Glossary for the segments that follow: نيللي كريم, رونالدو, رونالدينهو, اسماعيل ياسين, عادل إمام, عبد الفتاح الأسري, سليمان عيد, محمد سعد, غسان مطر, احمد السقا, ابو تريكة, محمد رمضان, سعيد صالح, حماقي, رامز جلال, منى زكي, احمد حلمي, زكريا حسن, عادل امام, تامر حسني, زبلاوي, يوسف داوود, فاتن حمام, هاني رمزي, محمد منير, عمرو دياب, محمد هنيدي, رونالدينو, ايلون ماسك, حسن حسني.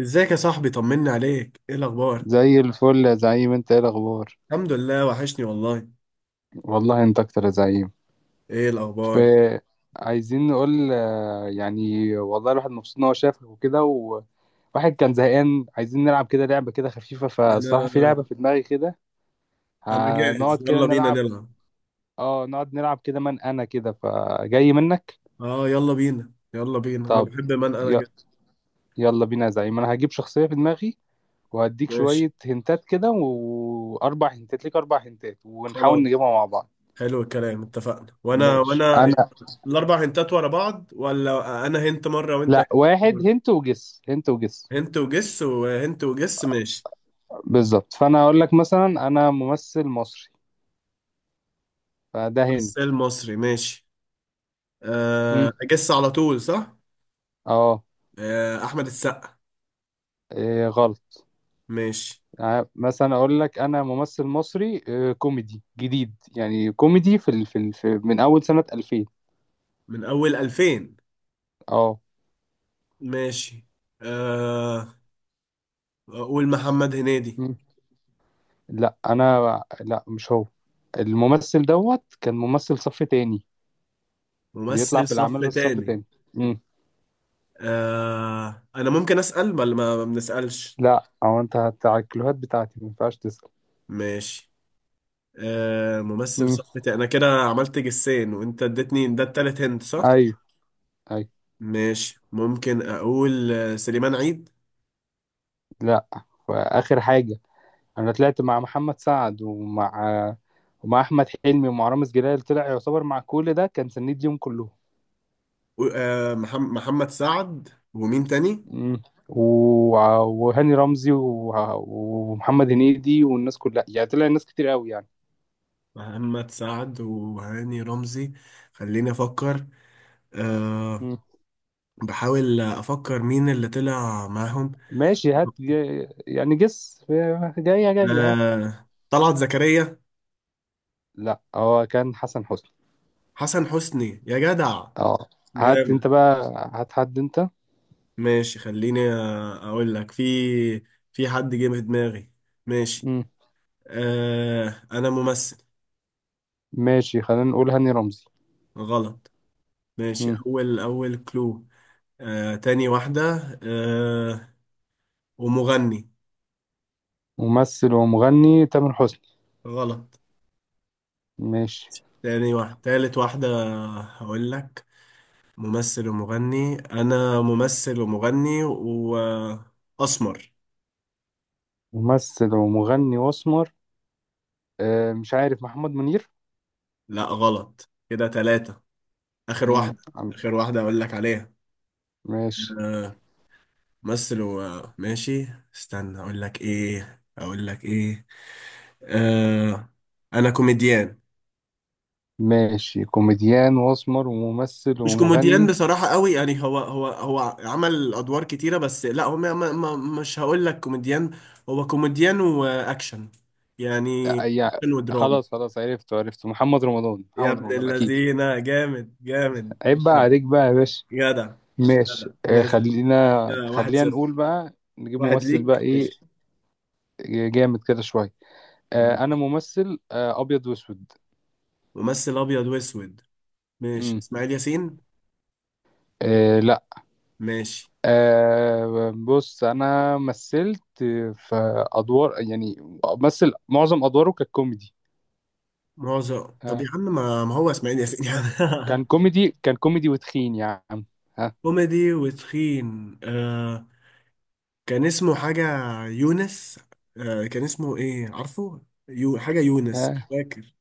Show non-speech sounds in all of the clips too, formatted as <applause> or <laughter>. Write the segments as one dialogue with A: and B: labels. A: ازيك يا صاحبي، طمني عليك، ايه الاخبار؟
B: زي الفل يا زعيم، انت ايه الاخبار؟
A: الحمد لله، وحشني والله.
B: والله انت اكتر يا زعيم.
A: ايه
B: ف
A: الاخبار؟
B: عايزين نقول يعني والله الواحد مبسوط ان هو شافك وكده، وواحد كان زهقان، عايزين نلعب كده لعبه كده خفيفه. فالصراحه في
A: انا
B: لعبه في دماغي كده،
A: انا
B: هنقعد
A: جاهز،
B: كده
A: يلا بينا
B: نلعب.
A: نلعب.
B: اه نقعد نلعب كده من انا كده فجاي منك.
A: اه، يلا بينا يلا بينا، انا
B: طب
A: بحب، من انا
B: ي...
A: جاهز.
B: يلا بينا يا زعيم، انا هجيب شخصيه في دماغي وهديك
A: ماشي،
B: شويه هنتات كده، واربع هنتات ليك، اربع هنتات، ونحاول
A: خلاص،
B: نجيبها مع بعض.
A: حلو الكلام، اتفقنا، وانا
B: ماشي.
A: وانا
B: انا
A: الاربع هنتات ورا بعض ولا انا هنت مره وانت هنت؟
B: لا، واحد
A: مرة؟
B: هنت وجس، هنت وجس.
A: هنت وجس وهنت وجس، ماشي.
B: بالظبط. فانا اقول لك مثلا انا ممثل مصري، فده
A: بس
B: هنت.
A: المصري، ماشي.
B: هم.
A: أه، اجس على طول، صح؟
B: اه.
A: أه، احمد السقا.
B: إيه غلط.
A: ماشي.
B: مثلا اقول لك انا ممثل مصري، كوميدي جديد، يعني كوميدي في من اول سنة 2000.
A: من اول 2000.
B: اه.
A: ماشي. آه أقول محمد هنيدي.
B: هم. لا انا لا، مش هو. الممثل دوت كان ممثل صف تاني، بيطلع
A: ممثل
B: في الاعمال
A: صف
B: بس صف
A: تاني.
B: تاني. هم.
A: أنا ممكن أسأل ولا ما بنسألش؟
B: لا، او انت على الكلوهات بتاعتي ما ينفعش تسأل.
A: ماشي. ممثل
B: هم.
A: صف تاني. أنا كده عملت جسين، وأنت اديتني ده التالت، هند صح؟
B: ايوه. ايوه.
A: ماشي، ممكن أقول سليمان عيد.
B: لا. واخر حاجة، انا طلعت مع محمد سعد، ومع ومع احمد حلمي، ومع رامز جلال، طلع يعتبر مع كل ده كان سنيد يوم كلهم.
A: محمد سعد ومين تاني؟
B: مم. و... وهاني رمزي ومحمد هنيدي والناس كلها، يعني طلع ناس كتير قوي يعني.
A: محمد سعد وهاني رمزي. خليني أفكر. آه.
B: مم.
A: بحاول أفكر مين اللي طلع معاهم.
B: ماشي، هات يعني جس. جاية جاية. ها،
A: طلعت زكريا.
B: لا هو كان حسن حسني.
A: حسن حسني، يا جدع!
B: اه. هات
A: جامد!
B: انت بقى، هات حد انت.
A: ماشي، خليني اقول لك، في... في حد جه في دماغي. ماشي.
B: مم.
A: انا ممثل.
B: ماشي، خلينا نقول هاني رمزي.
A: غلط. ماشي،
B: مم.
A: اول اول كلو. تاني واحدة. آه. ومغني.
B: ممثل ومغني، تامر حسني.
A: غلط.
B: ماشي.
A: تاني واحدة، تالت واحدة. هقول لك. ممثل ومغني، انا ممثل ومغني. واسمر.
B: ممثل ومغني واسمر، آه مش عارف، محمد منير.
A: لا غلط، كده تلاتة. اخر
B: امم
A: واحده.
B: عم-
A: اخر واحده اقول لك عليها.
B: ماشي.
A: آه. مثل، وماشي. استنى، اقول لك ايه اقول لك ايه. آه. انا كوميديان.
B: ماشي، كوميديان واسمر وممثل
A: مش كوميديان
B: ومغني.
A: بصراحه قوي، يعني هو عمل ادوار كتيره، بس لا، هو ما مش هقول لك كوميديان. هو كوميديان واكشن. يعني
B: آه، يع-
A: اكشن ودراما.
B: خلاص خلاص، عرفته عرفته، محمد رمضان،
A: يا
B: محمد
A: ابن
B: رمضان اكيد.
A: اللذينه، جامد جامد،
B: عيب بقى
A: جدع!
B: عليك بقى يا باشا.
A: جدع!
B: ماشي،
A: جدع،
B: آه،
A: ماشي.
B: خلينا
A: كده واحد
B: خلينا
A: صفر
B: نقول بقى، نجيب
A: واحد
B: ممثل بقى
A: ليك،
B: ايه.
A: ماشي.
B: جامد كده شويه، آه انا
A: ماشي.
B: ممثل، آه ابيض واسود.
A: ممثل ابيض واسود. ماشي،
B: امم،
A: اسماعيل ياسين.
B: آه لا.
A: ماشي.
B: آه بص انا مثلت في ادوار يعني، مثل معظم ادواره كانت كوميدي.
A: معظم؟ طب
B: ها،
A: يا عم، ما هو اسماعيل ياسين يعني.
B: كان كوميدي، كان كوميدي وتخين يا عم. ها.
A: <laughs> كوميدي وتخين، آه. كان اسمه حاجة يونس. كان اسمه ايه، عارفه؟ حاجة يونس، مش
B: ها،
A: فاكر.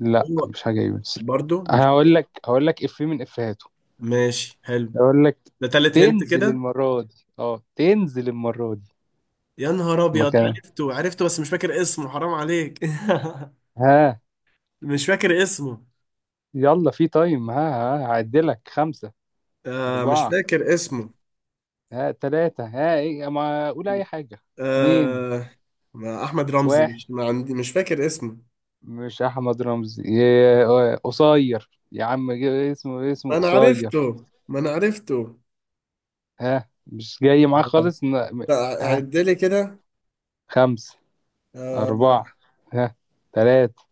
B: لا
A: هو
B: مش حاجة يونس.
A: برضو مش.
B: هقول لك هقول لك إفيه من إفيهاته.
A: ماشي، حلو.
B: هقول لك،
A: ده تالت هنت
B: تنزل
A: كده.
B: المرة دي، اه تنزل المرة دي
A: يا نهار ابيض!
B: مكان.
A: عرفته عرفته، بس مش فاكر اسمه، حرام عليك.
B: ها،
A: <laughs> مش فاكر اسمه.
B: يلا في تايم. ها ها، هعدلك خمسة،
A: مش
B: أربعة.
A: فاكر اسمه.
B: ها تلاتة. ها إيه، ما أقول أي حاجة. اتنين،
A: آه ما احمد رمزي،
B: واحد.
A: مش، ما عندي، مش فاكر اسمه.
B: مش أحمد رمزي قصير يا عم، اسمه اسمه
A: ما انا
B: قصير.
A: عرفته، ما انا عرفته.
B: ها مش جاي معاك خالص.
A: لا. عد لي كده.
B: خمسة، أربعة،
A: آه.
B: ها، تلاتة،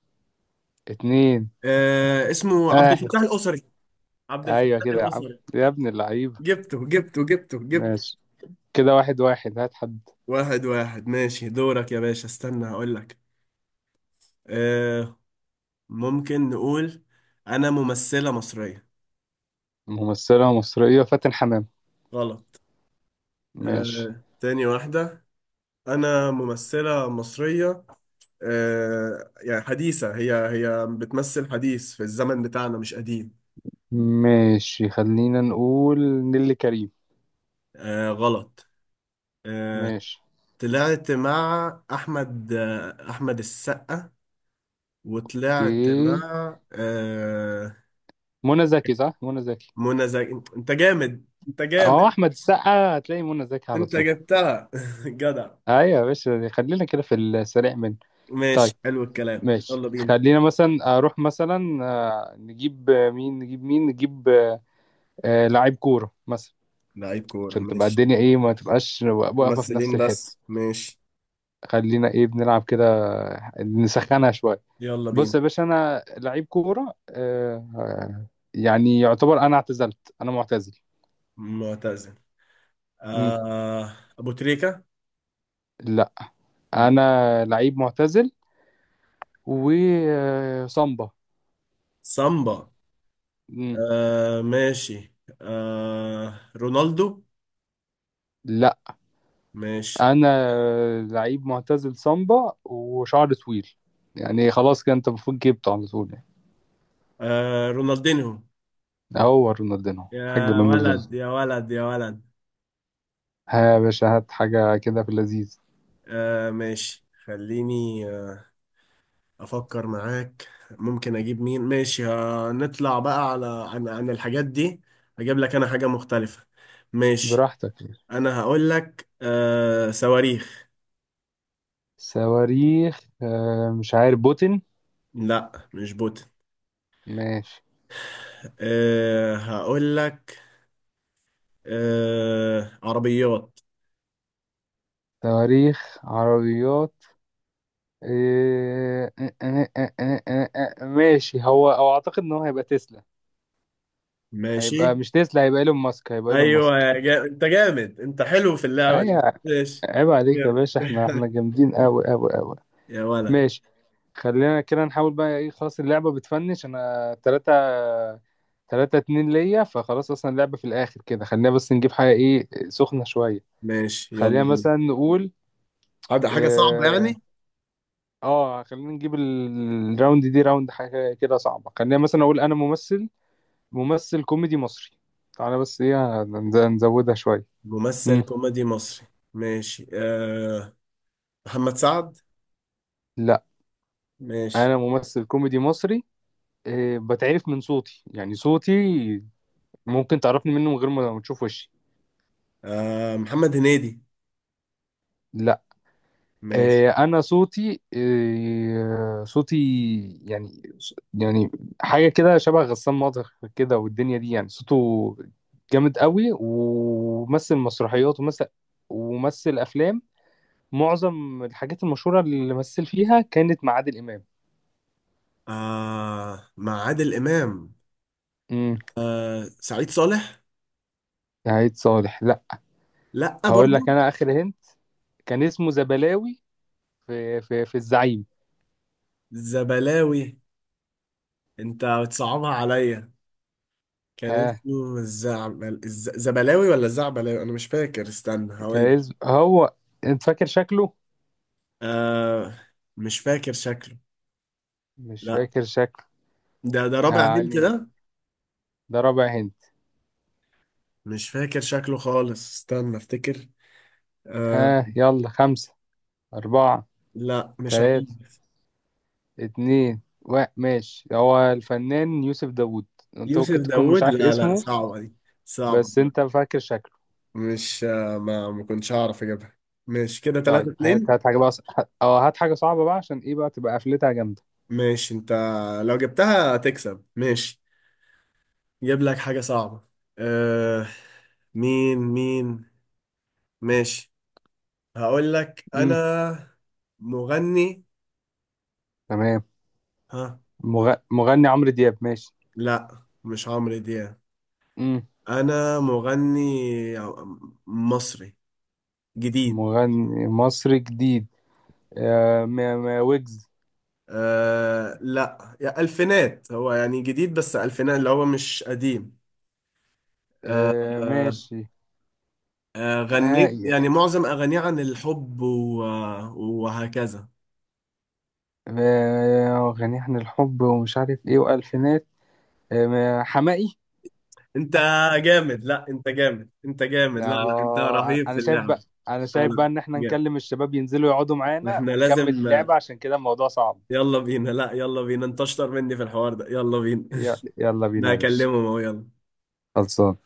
B: اتنين،
A: اسمه عبد
B: واحد.
A: الفتاح الأسري. عبد
B: أيوة
A: الفتاح
B: كده يا عم،
A: الأسري.
B: يا ابن اللعيبة.
A: جبته جبته جبته جبته!
B: ماشي، كده واحد واحد. هات حد.
A: 1-1، ماشي، دورك يا باشا، استنى هقول لك. آه. ممكن نقول، انا ممثلة مصرية.
B: ممثلة مصرية، فاتن حمام.
A: غلط.
B: ماشي.
A: تاني واحدة. انا ممثلة مصرية. يعني حديثة، هي بتمثل حديث في الزمن بتاعنا، مش قديم.
B: ماشي، خلينا نقول نيللي كريم.
A: غلط. آه.
B: ماشي.
A: طلعت مع احمد، احمد السقا. وطلعت
B: ايه،
A: مع
B: منى زكي، صح، منى زكي.
A: منى زكي! انت جامد انت
B: اه،
A: جامد!
B: أحمد السقا هتلاقي منى زكي على
A: انت
B: طول.
A: جبتها! <laughs> جدع!
B: أيوة يا باشا، خلينا كده في السريع منه.
A: ماشي،
B: طيب،
A: حلو الكلام،
B: ماشي،
A: يلا بينا.
B: خلينا مثلا أروح مثلا نجيب مين، نجيب مين، نجيب، آه لعيب كورة مثلا،
A: لعيب كورة،
B: عشان تبقى
A: ماشي.
B: الدنيا ايه، ما تبقاش واقفة في نفس
A: ممثلين
B: الحتة.
A: بس، ماشي.
B: خلينا ايه، بنلعب كده، نسخنها شوية.
A: يلا
B: بص
A: بينا.
B: يا باشا، انا لعيب كورة، آه يعني يعتبر انا اعتزلت، انا معتزل.
A: معتزل.
B: مم.
A: ابو تريكة.
B: لا، انا لعيب معتزل وصامبا.
A: سامبا.
B: مم.
A: ماشي. رونالدو.
B: لا،
A: ماشي.
B: انا لعيب معتزل، صامبا وشعر طويل، يعني خلاص كده انت المفروض جبته على طول يعني.
A: رونالدينهو.
B: هو رونالدينو، حاج
A: يا
B: رونالدينو.
A: ولد يا ولد يا ولد!
B: ها يا باشا، هات حاجة كده في اللذيذ.
A: ماشي، خليني، آه. أفكر معاك، ممكن أجيب مين، ماشي، نطلع بقى على عن الحاجات دي. أجيب لك أنا حاجة مختلفة. ماشي.
B: براحتك.
A: أنا هقول لك صواريخ.
B: صواريخ، مش عارف، بوتن.
A: لا مش بوت.
B: ماشي.
A: هقول لك. عربيات.
B: صواريخ، عربيات. إيه، آه، آه، آه، آه، آه، آه، آه، آه، ماشي، هو او اعتقد ان هو هيبقى تسلا،
A: ماشي.
B: هيبقى مش تسلا، هيبقى ايلون ماسك، هيبقى ايلون
A: أيوة،
B: ماسك.
A: أنت جامد، أنت حلو في اللعبة دي،
B: ايوه.
A: ماشي.
B: عيب عليك يا
A: جامد!
B: باشا، احنا احنا
A: <laughs>
B: جامدين قوي قوي قوي.
A: يا ولد.
B: ماشي، خلينا كده نحاول بقى ايه. خلاص اللعبة بتفنش، انا تلاتة، تلاتة اتنين ليا، فخلاص اصلا اللعبة في الاخر كده، خلينا بس نجيب حاجة ايه سخنة شوية.
A: ماشي. يلا
B: خلينا
A: بينا.
B: مثلا نقول،
A: حاجة صعبة
B: اه،
A: يعني.
B: خلينا نجيب الراوند دي راوند حاجة كده صعبة. خلينا مثلا اقول انا ممثل، ممثل كوميدي مصري، تعالى بس ايه نزودها شوية.
A: ممثل
B: مم.
A: كوميدي مصري. ماشي. محمد سعد.
B: لا،
A: ماشي.
B: انا ممثل كوميدي مصري، بتعرف من صوتي، يعني صوتي ممكن تعرفني منه من غير ما تشوف وشي.
A: محمد هنيدي. ماشي.
B: انا صوتي، صوتي يعني، يعني حاجه كده شبه غسان مطر كده، والدنيا دي يعني، صوته جامد قوي، ومثل مسرحيات، ومثل ومثل افلام، معظم الحاجات المشهوره اللي مثل فيها كانت مع عادل امام.
A: مع عادل إمام.
B: امم.
A: سعيد صالح.
B: سعيد صالح لا.
A: لأ
B: هقول لك
A: برضو.
B: انا اخر هنت، كان اسمه زبلاوي، في الزعيم.
A: زبلاوي. أنت بتصعبها عليا! كان
B: ها
A: اسمه الزعبل زبلاوي ولا الزعبلاوي، أنا مش فاكر، استنى
B: كان
A: هقول.
B: هو، انت فاكر شكله؟
A: آه مش فاكر شكله.
B: مش
A: لأ.
B: فاكر شكله،
A: ده رابع هنت
B: يعني
A: ده.
B: ده رابع هنت.
A: مش فاكر شكله خالص، استنى افتكر. آه.
B: ها يلا، خمسة، أربعة،
A: لا مش عارف.
B: تلاتة، اتنين، واحد. ماشي، هو الفنان يوسف داوود، أنت
A: يوسف
B: ممكن تكون مش
A: داوود؟
B: عارف
A: لا لا،
B: اسمه،
A: صعبة دي. صعبة.
B: بس أنت فاكر شكله.
A: مش. ما كنتش هعرف اجيبها. مش كده
B: طيب،
A: 3
B: هات
A: 2
B: هات حاجة بقى، اه هات حاجة صعبة بقى عشان إيه بقى، تبقى قفلتها جامدة.
A: ماشي انت. لو جبتها تكسب، ماشي. جيب لك حاجة صعبة. أه. مين مين؟ ماشي. هقول لك
B: مم.
A: انا، مغني.
B: تمام.
A: ها.
B: مغني عمرو دياب. ماشي.
A: لا مش عمرو دياب.
B: مم.
A: انا مغني مصري جديد.
B: مغني مصري جديد، آه ويجز.
A: لا، يا ألفينات، هو يعني جديد بس ألفينات، اللي هو مش قديم. آه.
B: آه
A: آه.
B: ماشي. آه...
A: غنيت يعني معظم أغانيه عن الحب وهكذا.
B: غني عن الحب ومش عارف إيه، وألفينات. حماقي.
A: أنت جامد! لا أنت جامد، أنت
B: ده
A: جامد! لا لا، أنت رهيب
B: انا
A: في
B: شايف
A: اللعب!
B: بقى، انا
A: لا
B: شايف بقى
A: لا،
B: ان احنا
A: جامد.
B: نكلم الشباب ينزلوا يقعدوا معانا
A: احنا
B: ونكمل
A: لازم
B: اللعبة، عشان كده الموضوع صعب.
A: يلا بينا. لا يلا بينا، أنت أشطر مني في الحوار ده، يلا بينا.
B: يلا
A: <laughs>
B: بينا
A: أنا
B: يا باشا،
A: هكلمهم أهو، يلا.
B: خلصان.